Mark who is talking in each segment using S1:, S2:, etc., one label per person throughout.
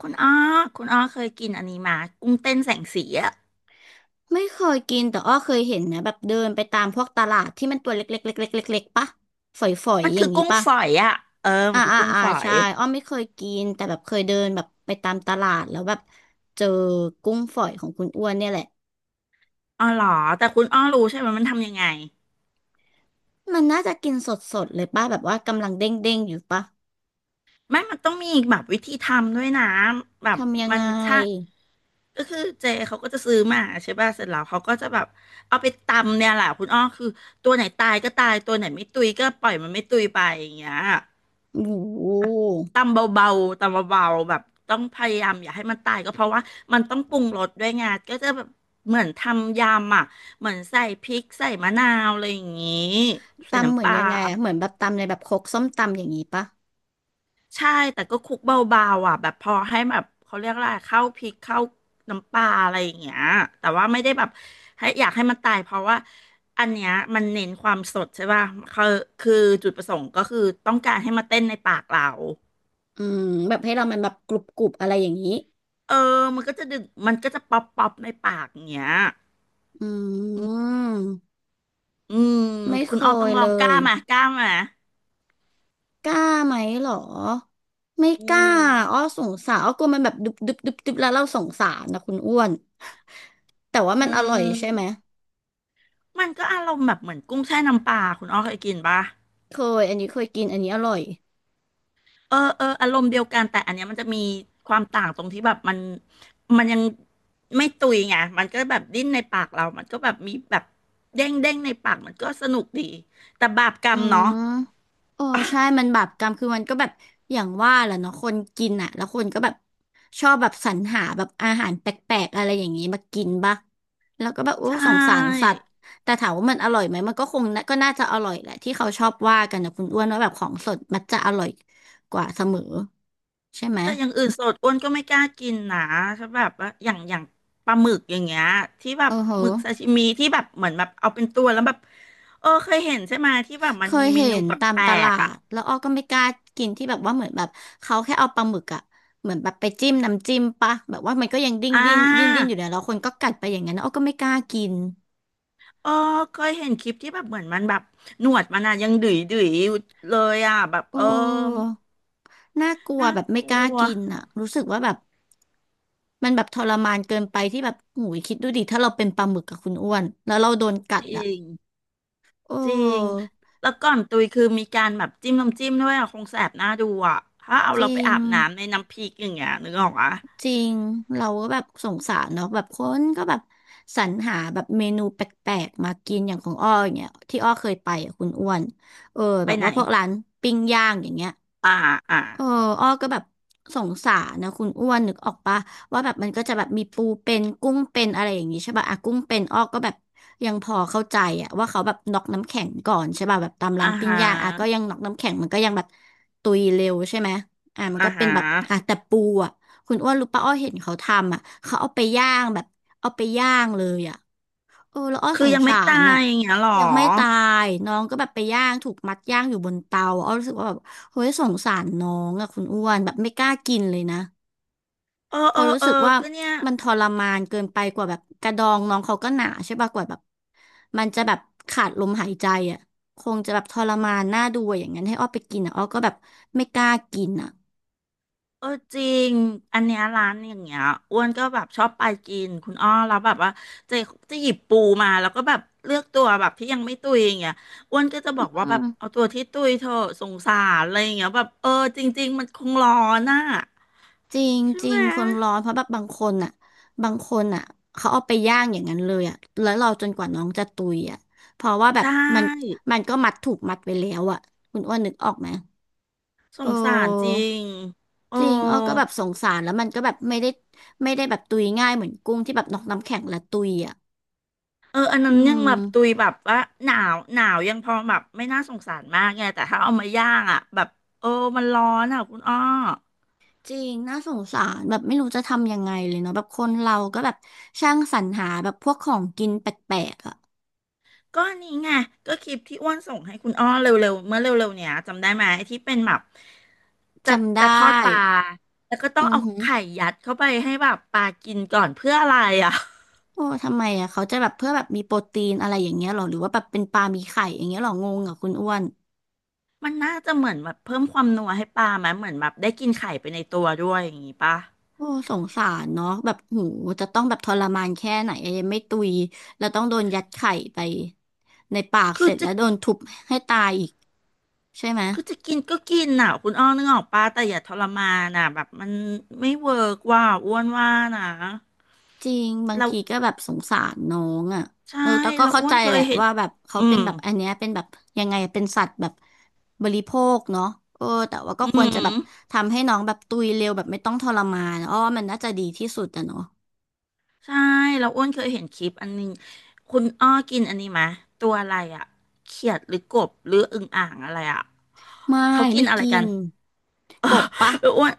S1: คุณอ้อ คุณอ้อเคยกินอันนี้มากุ้งเต้นแสงสีอ่ะ
S2: ไม่เคยกินแต่อ้อเคยเห็นนะแบบเดินไปตามพวกตลาดที่มันตัวเล็กๆเล็กๆเล็กๆปะฝอย
S1: มัน
S2: ๆอ
S1: คื
S2: ย่า
S1: อ
S2: งนี้
S1: กุ้ง
S2: ปะ
S1: ฝอยอ่ะเออ
S2: อ่า
S1: มันคือ
S2: อ่า
S1: กุ้ง
S2: อ่า
S1: ฝอย
S2: ใช่อ้อไม่เคยกินแต่แบบเคยเดินแบบไปตามตลาดแล้วแบบเจอกุ้งฝอยของคุณอ้วนเนี่ยแหละ
S1: อ๋อเหรอ แต่คุณอ้อรู้ใช่ไหมมันทำยังไง
S2: มันน่าจะกินสดๆเลยปะแบบว่ากำลังเด้งๆอยู่ปะ
S1: ไม่มันต้องมีแบบวิธีทำด้วยนะแบบ
S2: ทำยัง
S1: มัน
S2: ไง
S1: ชาก็คือเจเขาก็จะซื้อมาใช่ป่ะเสร็จแล้วเขาก็จะแบบเอาไปตำเนี่ยแหละคุณอ้อคือตัวไหนตายก็ตายตัวไหนไม่ตุยก็ปล่อยมันไม่ตุยไปอย่างเงี้ย
S2: โอ้โห
S1: ตำเบาๆตำเบาๆแบบต้องพยายามอย่าให้มันตายก็เพราะว่ามันต้องปรุงรสด้วยไงก็จะแบบเหมือนทำยำอ่ะเหมือนใส่พริกใส่มะนาวอะไรอย่างงี้ใส่
S2: ตำเหมื
S1: น้ำป
S2: อน
S1: ลา
S2: ยังไงอะเหมือนแบบตำในแบบครกส้มตำอย่างนี้ปะ
S1: ใช่แต่ก็คลุกเบาๆอ่ะแบบพอให้แบบเขาเรียกอะไรเข้าพริกเข้าน้ำปลาอะไรอย่างเงี้ยแต่ว่าไม่ได้แบบให้อยากให้มันตายเพราะว่าอันเนี้ยมันเน้นความสดใช่ป่ะคือคือจุดประสงค์ก็คือต้องการให้มาเต้นในปากเรา
S2: อืมแบบให้เรามันแบบกรุบๆอะไรอย่างนี้
S1: เออมันก็จะดึกมันก็จะป๊อปป๊อปในปากอย่างเงี้ย
S2: อืม
S1: อืม
S2: ไม่เค
S1: คุณออมต้
S2: ย
S1: องล
S2: เล
S1: องกล้า
S2: ย
S1: มากล้ามา
S2: กล้าไหมเหรอไม่
S1: อื
S2: กล้าอ้อ
S1: ม
S2: สงสารอ้อกลัวมันแบบดึบดึบดุบดบแล้วเราสงสารนะคุณอ้วนแต่ว่า
S1: อื
S2: มันอร่อยใช่ไหม
S1: มมันก็อารมณ์แบบเหมือนกุ้งแช่น้ำปลาคุณอ้อเคยกินปะ
S2: เคยอันนี้เคยกินอันนี้อร่อย
S1: เออเอออารมณ์เดียวกันแต่อันเนี้ยมันจะมีความต่างตรงที่แบบมันยังไม่ตุยไงมันก็แบบดิ้นในปากเรามันก็แบบมีแบบเด้งเด้งในปากมันก็สนุกดีแต่บาปกร
S2: อื
S1: รมเนาะ
S2: มโอ้ใช่มันบาปกรรมคือมันก็แบบอย่างว่าแหละเนาะคนกินอ่ะแล้วคนก็แบบชอบแบบสรรหาแบบอาหารแปลกๆอะไรอย่างนี้มากินปะแล้วก็แบบโอ้
S1: ใช่
S2: สงสารสัตว์แต่ถามว่ามันอร่อยไหมมันก็คงน่ะก็น่าจะอร่อยแหละที่เขาชอบว่ากันนะคุณอ้วนว่าแบบของสดมันจะอร่อยกว่าเสมอใช่ไหม
S1: แต่อย่างอื่นสดอ้วนก็ไม่กล้ากินนะถ้าแบบว่าอย่างปลาหมึกอย่างเงี้ยที่แบบ
S2: โอ้โห
S1: หมึกซาชิมิที่แบบเหมือนแบบเอาเป็นตัวแล้วแบบเออเคยเห็นใช่ไหมที่แบบ
S2: เค
S1: มันมี
S2: ย
S1: เม
S2: เห็
S1: นู
S2: น
S1: แป
S2: ตาม
S1: ล
S2: ตลา
S1: กๆอ่ะ
S2: ดแล้วอ้อก็ไม่กล้ากินที่แบบว่าเหมือนแบบเขาแค่เอาปลาหมึกอะเหมือนแบบไปจิ้มน้ำจิ้มปะแบบว่ามันก็ยังดิ้น
S1: อ่
S2: ดิ้นดิ้นดิ้นอ
S1: า
S2: ยู่เนี่ยแล้วคนก็กัดไปอย่างนั้นอ้อก็ไม่กล้ากิน
S1: เออเคยเห็นคลิปที่แบบเหมือนมันแบบหนวดมันอะยังดุยดุยอยู่เลยอ่ะแบบ
S2: โอ
S1: เออ
S2: ้น่ากลัว
S1: น่า
S2: แบบไม่
S1: ก
S2: ก
S1: ลั
S2: ล้า
S1: ว
S2: กินอะรู้สึกว่าแบบมันแบบทรมานเกินไปที่แบบหูยคิดดูดิถ้าเราเป็นปลาหมึกกับคุณอ้วนแล้วเราโดนกั
S1: จ
S2: ดอะ
S1: ริง
S2: โอ
S1: จริง
S2: ้
S1: แล้วก่อนตุยคือมีการแบบจิ้มน้ำจิ้มด้วยอ่ะคงแสบหน้าดูอ่ะถ้าเอา
S2: จ
S1: เรา
S2: ริ
S1: ไป
S2: ง
S1: อาบน้ำในน้ำพริกอย่างเงี้ยนึกออกอ่ะ
S2: จริง เราก็แบบสงสารเนาะแบบคนก็แบบสรรหาแบบเมนูแปลกๆมากินอย่างของอ้ออย่างเงี้ยที่อ้อเคยไปอ่ะคุณอ้วนเออ
S1: ไป
S2: แบบ
S1: ไหน
S2: ว่าพวกร้านปิ้งย่างอย่างเงี้ย
S1: อ่าอ่า
S2: เอออ้อก็แบบสงสารนะคุณอ้วนนึกออกปะว่าแบบมันก็จะแบบมีปูเป็นกุ้งเป็นอะไรอย่างงี้ใช่ป่ะอะกุ้งเป็นอ้อก็แบบยังพอเข้าใจอะว่าเขาแบบน็อกน้ำแข็งก่อนใช่ป่ะแบบตาม
S1: อ่า
S2: ร้านปิ้ง
S1: ฮะ
S2: ย่างอะก็ยังน็อกน้ำแข็งมันก็ยังแบบตุยเร็วใช่ไหมอ่ะมัน
S1: อ่า
S2: ก็เป็น
S1: ฮะ
S2: แบบอ่ะแต่ปูอะคุณอ้วนรู้ปะอ้อเห็นเขาทำอ่ะเขาเอาไปย่างแบบเอาไปย่างเลยอ่ะ เออแล้วอ้อ
S1: คื
S2: ส
S1: อ
S2: ง
S1: ยังไม่
S2: สา
S1: ตา
S2: รน่ะ
S1: ยอย่างเงี้ยหรอ
S2: ยังไม่ตายน้องก็แบบไปย่างถูกมัดย่างอยู่บนเตาอ้อรู้สึกว่าแบบเฮ้ยสงสารน้องอะคุณอ้วนแบบไม่กล้ากินเลยนะ
S1: เออ
S2: เพอ
S1: เอ
S2: ราะ
S1: อ
S2: รู้
S1: เออ
S2: สึกว่า
S1: ก็เนี่ย
S2: มันทรมานเกินไปกว่าแบบกระดองน้องเขาก็หนาใช่ป่ะกว่าแบบมันจะแบบขาดลมหายใจอะคงจะแบบทรมานน่าดูอะอย่างนั้นให้อ้อไปกินอะอ้อก็แบบไม่กล้ากินอะ
S1: เออจริงอันเนี้ยร้านอย่างเงี้ยอ้วนก็แบบชอบไปกินคุณอ้อแล้วแบบว่าจะจะหยิบปูมาแล้วก็แบบเลือกตัวแบบที่ยังไม่ตุยอย่างเงี้ยอ้วนก็จะบอกว่า
S2: อื
S1: แบบเอา
S2: ม
S1: ตัวที่ตุยเถอะสงสารอะไรอย่างเงี้ยแบบเออจริงๆมันคงร้อนน่ะ
S2: จริง
S1: ใช่
S2: จริ
S1: ไหม
S2: งคนร้อนเพราะแบบบางคนอ่ะบางคนอ่ะเขาเอาไปย่างอย่างนั้นเลยอ่ะแล้วเราจนกว่าน้องจะตุยอ่ะเพราะว่าแบ
S1: ใช
S2: บมัน
S1: ่
S2: มันก็มัดถูกมัดไว้แล้วอ่ะคุณอ้วนนึกออกไหม
S1: ส
S2: เอ
S1: งสารจริ
S2: อ
S1: งโอ้
S2: จริงอ้อก็แบบสงสารแล้วมันก็แบบไม่ได้แบบตุยง่ายเหมือนกุ้งที่แบบนอกน้ำแข็งและตุยอ่ะ
S1: เอออันนั้น
S2: อื
S1: ยังแบ
S2: ม
S1: บตุยแบบว่าหนาวหนาวยังพอแบบไม่น่าสงสารมากไงแต่ถ้าเอามาย่างอ่ะแบบเออมันร้อนอ่ะคุณอ้อ
S2: จริงน่าสงสารแบบไม่รู้จะทำยังไงเลยเนาะแบบคนเราก็แบบช่างสรรหาแบบพวกของกินแปลกๆอ่ะ
S1: ก็อันนี้ไงก็คลิปที่อ้วนส่งให้คุณอ้อเร็วๆเมื่อเร็วๆเนี่ยจำได้ไหมที่เป็นแบบจะ
S2: จำได้
S1: จะทอดปลาแล้วก็ต้
S2: อื
S1: อง
S2: อ
S1: เอา
S2: หือ
S1: ไข่ยัดเข้าไปให้แบบปลากินก่อนเพื่ออะไรอ่ะ
S2: โอ้ทำไมอ่ะเขาจะแบบเพื่อแบบมีโปรตีนอะไรอย่างเงี้ยหรอหรือว่าแบบเป็นปลามีไข่อย่างเงี้ยหรองงกับคุณอ้วน
S1: มันน่าจะเหมือนแบบเพิ่มความนัวให้ปลาไหมเหมือนแบบได้กินไข่ไปในตัวด้วยอย่างงี้ปะ
S2: โอ้สงสารเนาะแบบหูจะต้องแบบทรมานแค่ไหนอะยังไม่ตุยแล้วต้องโดนยัดไข่ไปในปาก
S1: คื
S2: เส
S1: อ
S2: ร็จ
S1: จะ
S2: แล้วโดนทุบให้ตายอีกใช่ไหม
S1: คือจะกินก็กินน่ะคุณอ้อนึกออกปะแต่อย่าทรมานน่ะแบบมันไม่เวิร์กว่าอ้วนว่านะ
S2: จริงบาง
S1: เรา
S2: ทีก็แบบสงสารน้องอ่ะ
S1: ใช่
S2: เออแต่ก็
S1: เรา
S2: เข้า
S1: อ้ว
S2: ใจ
S1: นเค
S2: แห
S1: ย
S2: ละ
S1: เห็น
S2: ว่าแบบเขา
S1: อื
S2: เป็น
S1: ม
S2: แบบอันเนี้ยเป็นแบบยังไงเป็นสัตว์แบบบริโภคเนาะเออแต่ว่าก็
S1: อื
S2: ควรจะแบบ
S1: ม
S2: ทำให้น้องแบบตุยเร็วแบบไม่ต้องทรมานอ้อว่ามันน่าจะดีที่สุดอะเนาะ
S1: ใช่เราอ้วนเคยเห็นคลิปอันนึงคุณอ้อกินอันนี้ไหมะตัวอะไรอะเขียดหรือกบหรืออึ่งอ่างอะไรอะ
S2: ไม่
S1: เขากิน
S2: ไม่
S1: อะไร
S2: กิ
S1: กัน
S2: น
S1: เอ
S2: กบปะ
S1: ออ้วน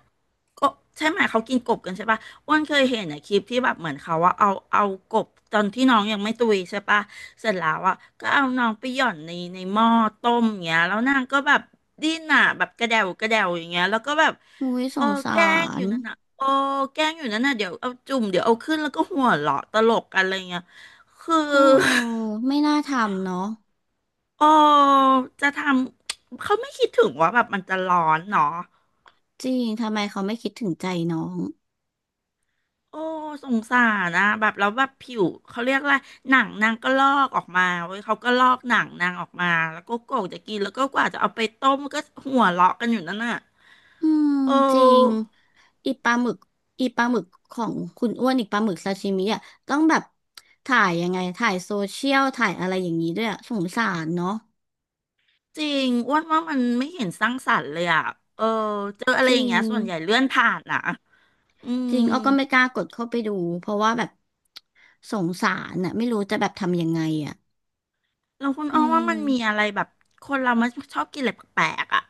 S1: ก็ใช่ไหมเขากินกบกันใช่ปะอ้วนเคยเห็นในคลิปที่แบบเหมือนเขาว่าเอากบตอนที่น้องยังไม่ตุยใช่ปะเสร็จแล้วอ่ะก็เอาน้องไปหย่อนในหม้อต้มอย่างเงี้ยแล้วนางก็แบบดิ้นอ่ะแบบกระเดวกระเดวอย่างเงี้ยแล้วก็แบบ
S2: อุ้ยส
S1: เออ
S2: งสา
S1: แกล้งอ
S2: ร
S1: ยู่นั่นอ่ะโอ้แกล้งอยู่นั่นน่ะเดี๋ยวเอาจุ่มเดี๋ยวเอาขึ้นแล้วก็หัวเราะตลกกันอะไรเงี้ยคือ
S2: โอ้ ไม่น่าทำเนาะ
S1: โอ้จะทำ เขาไม่คิดถึงว่าแบบมันจะร้อนเนาะ
S2: จริงทำไมเขาไม่คิดถึงใจน้อง
S1: โอ้สงสารนะแบบแล้วแบบผิวเขาเรียกว่าหนังนางก็ลอกออกมาเว้ยเขาก็ลอกหนังนางออกมาแล้วก็โกะจะกินแล้วก็กว่าจะเอาไปต้มก็หัวเราะกันอยู่นั่นน่ะ
S2: อืม
S1: เ
S2: จริง
S1: ออ
S2: อีปลาหมึกอีปลาหมึกของคุณอ้วนอีปลาหมึกซาชิมิอ่ะต้องแบบถ่ายยังไงถ่ายโซเชียลถ่ายอะไรอย่างนี้ด้วยอะสงสารเนาะ
S1: จริงอ้วนว่ามันไม่เห็นสร้างสรรค์เลยอ่ะเออเจออะไร
S2: จ
S1: อ
S2: ริ
S1: ย่างเงี้
S2: ง
S1: ยส่วนใหญ่เลื่อนผ่านอ่ะอื
S2: จ
S1: ม
S2: ริงอ้อก็ไม่กล้ากดเข้าไปดูเพราะว่าแบบสงสารน่ะไม่รู้จะแบบทำยังไงอ่ะ
S1: แล้วคุณ
S2: อื
S1: อ้อว่ามันมี
S2: ม
S1: อะไรแบบคนเรามันชอบกินอะไรแปลกๆอ่ะ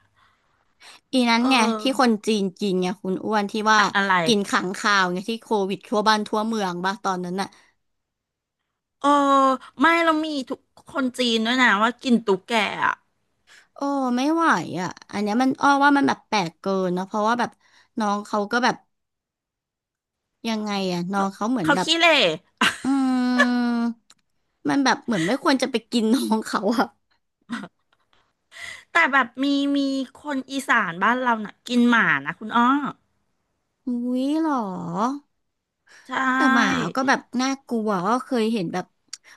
S2: อีนั้น
S1: เ
S2: ไงที่คน
S1: ออ
S2: จีนกินไงคุณอ้วนที่ว่า
S1: อะไร
S2: กินขังคาวไงที่โควิดทั่วบ้านทั่วเมืองบ้าตอนนั้นน่ะ
S1: เออไม่เรามีทุกคนจีนด้วยนะว่ากินตุ๊กแกอ่ะ
S2: โอ้ไม่ไหวอ่ะอันเนี้ยมันอ้อว่ามันแบบแปลกเกินเนาะเพราะว่าแบบน้องเขาก็แบบยังไงอ่ะน้องเขาเหมือน
S1: เขา
S2: แบบ
S1: ขี้เหร่
S2: อืมมันแบบเหมือนไม่ควรจะไปกินน้องเขาอ่ะ
S1: แต่แบบมีคนอีสานบ้านเราน่ะกินหมานะคุณอ้อ
S2: อุ้ยเหรอ
S1: ใช
S2: แต่หมา
S1: ่
S2: ก็แบบน่ากลัวก็เคยเห็นแบบ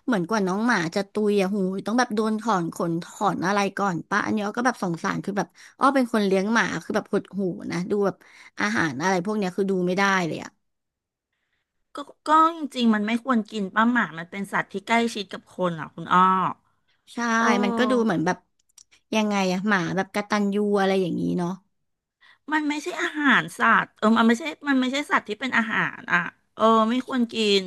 S2: เหมือนกว่าน้องหมาจะตุยอ่ะหูยต้องแบบโดนถอนขนถอนอะไรก่อนปะอันนี้อ้อก็แบบสงสารคือแบบอ้อเป็นคนเลี้ยงหมาคือแบบหดหูนะดูแบบอาหารอะไรพวกเนี้ยคือดูไม่ได้เลยอ่ะ
S1: ก็ก็จริงๆมันไม่ควรกินป้าหมามันเป็นสัตว์ที่ใกล้ชิดกับคนอ่ะคุณอ้อ
S2: ใช่
S1: เอ
S2: มันก็ดูเหมื
S1: อ
S2: อนแบบยังไงอะหมาแบบกตัญญูอะไรอย่างนี้เนาะ
S1: มันไม่ใช่อาหารสัตว์เออมันไม่ใช่มันไม่ใช่สัตว์ที่เป็นอาหารอ่ะเออไม่ควรกิน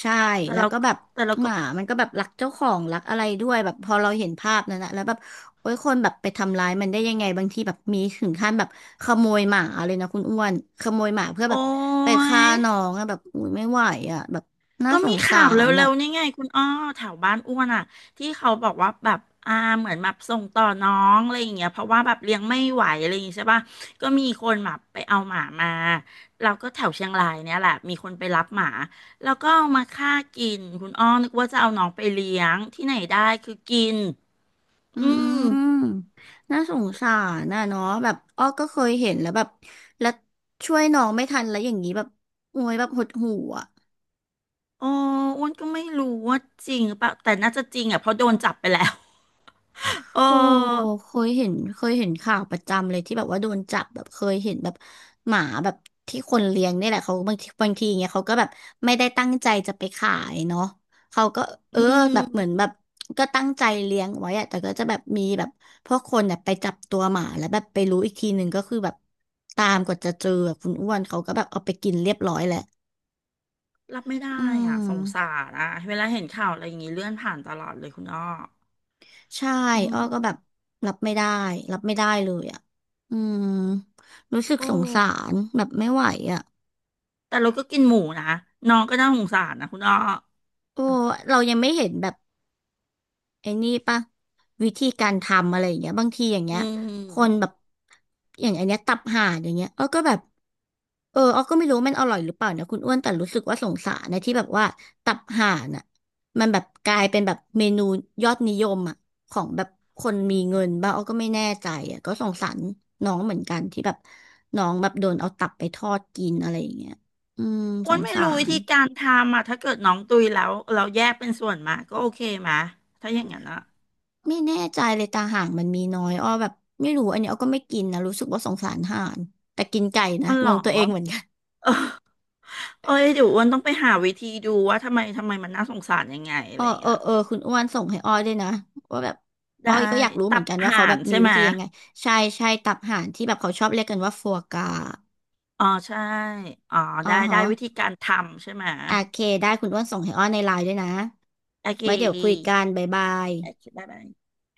S2: ใช่
S1: แต่
S2: แล้ว
S1: เรา
S2: ก็แบบ
S1: แต่เรา
S2: ห
S1: ก็
S2: มามันก็แบบรักเจ้าของรักอะไรด้วยแบบพอเราเห็นภาพนั้นนะแล้วแบบโอ้ยคนแบบไปทำร้ายมันได้ยังไงบางทีแบบมีถึงขั้นแบบขโมยหมาเลยนะคุณอ้วนขโมยหมาเพื่อ
S1: โอ้
S2: แบบไป
S1: ย
S2: ฆ่าน้องอะแบบอุ้ยไม่ไหวอะแบบน่า
S1: ก็
S2: ส
S1: มี
S2: งสา
S1: ข่าวเร
S2: ร
S1: ็
S2: อะ
S1: วๆนี่ไงคุณอ้อแถวบ้านอ้วนอ่ะที่เขาบอกว่าแบบอ่าเหมือนแบบส่งต่อน้องอะไรอย่างเงี้ยเพราะว่าแบบเลี้ยงไม่ไหวอะไรอย่างเงี้ยใช่ป่ะก็มีคนแบบไปเอาหมามาเราก็แถวเชียงรายเนี่ยแหละมีคนไปรับหมาแล้วก็เอามาฆ่ากินคุณอ้อนึกว่าจะเอาน้องไปเลี้ยงที่ไหนได้คือกิน
S2: อื
S1: อื
S2: ม
S1: ม
S2: น่าสงสารนะเนาะแบบอ้อก็เคยเห็นแล้วแบบแล้วช่วยน้องไม่ทันแล้วอย่างนี้แบบโอ้ยแบบหดหู่อะ
S1: โอ้อ้วนก็ไม่รู้ว่าจริงหรือเปล่าแต่น่าจะจริงอ่ะเพราะโดนจับไปแล้ว เออ
S2: โอ้เคยเห็นเคยเห็นข่าวประจำเลยที่แบบว่าโดนจับแบบเคยเห็นแบบหมาแบบที่คนเลี้ยงนี่แหละเขาบางทีเงี้ยเขาก็แบบไม่ได้ตั้งใจจะไปขายเนาะเขาก็เอ
S1: อื
S2: อแบบเหมือน
S1: ม
S2: แบบก็ตั้งใจเลี้ยงไว้อะแต่ก็จะแบบมีแบบพวกคนเนี่ยไปจับตัวหมาแล้วแบบไปรู้อีกทีหนึ่งก็คือแบบตามกว่าจะเจออะคุณอ้วนเขาก็แบบเอาไปกินเรียบร้อยแหละ
S1: รับไม่ได้
S2: อื
S1: อ่ะสงสา
S2: ม
S1: รอ่ะเวลาเห็นข่าวอะไรอย่างงี้เลื่อนผ่านตลอดเลยคุณอ้อ
S2: ใช่
S1: อื
S2: อ้อ
S1: ม
S2: ก็แบบรับไม่ได้ รับไม่ได้เลยอ่ะอืมรู้สึก
S1: โอ
S2: สงสา
S1: ้
S2: รแบบไม่ไหวอ่ะ
S1: แต่เราก็กินหมูนะน้องก็น่าสงสารนะคุณอ้อ
S2: โอ้เรายังไม่เห็นแบบ ไอ้นี่ปะวิธีการทำอะไรอย่างเงี้ยบางทีอย่างเงี้
S1: อื
S2: ยคนแบ
S1: ม
S2: บอย่างอันเนี้ยตับห่านอย่างเงี้ยอ้อก็แบบเอออ้อก็ไม่รู้มันอร่อยหรือเปล่านะคุณอ้วนแต่รู้สึกว่าสงสารนะที่แบบว่าตับห่านอ่ะมันแบบกลายเป็นแบบเมนูยอดนิยมอ่ะของแบบคนมีเงินบ้างอ้อก็ไม่แน่ใจอ่ะก็สงสารน้องเหมือนกันที่แบบน้องแบบโดนเอาตับไปทอดกินอะไรอย่างเงี้ยอืม
S1: อ้
S2: ส
S1: วน
S2: ง
S1: ไม่
S2: สา
S1: รู้วิ
S2: ร
S1: ธีการทำอ่ะถ้าเกิดน้องตุยแล้วเราแยกเป็นส่วนมาก็โอเคไหมถ้าอย่างนั้นอ่ะ
S2: ไม่แน่ใจเลยตาห่างมันมีน้อยอ้อแบบไม่รู้อันนี้อ้อก็ไม่กินนะรู้สึกว่าสงสารห่านแต่กินไก่นะ
S1: อ๋อเหร
S2: ง
S1: อ
S2: งตัวเองเหมือนกัน
S1: เออเอ้ยเดี๋ยวอ้วนต้องไปหาวิธีดูว่าทำไมมันน่าสงสารยังไงอะ
S2: อ้อ
S1: ไรอย่าง
S2: เออ
S1: เงี้ย
S2: เออคุณอ้วนส่งให้อ้อด้วยนะว่าแบบอ้อ
S1: ได้
S2: ก็อยากรู้เหมื
S1: ตั
S2: อน
S1: บ
S2: กันว่าเขา
S1: ห่า
S2: แบ
S1: น
S2: บมี
S1: ใช่
S2: วิ
S1: ไหม
S2: ธียังไงใช่ตับห่านที่แบบเขาชอบเรียกกันว่าฟัวกรา
S1: อ๋อใช่อ๋อ
S2: อ๋อ
S1: ได้ได้
S2: ฮะ
S1: วิธีการทำใช่ไหม
S2: โอเคได้คุณอ้วนส่งให้อ้อในไลน์ด้วยนะ
S1: โอเค
S2: ไว้เดี๋ยวคุยกันบ๊ายบาย
S1: โอเคบ๊ายบา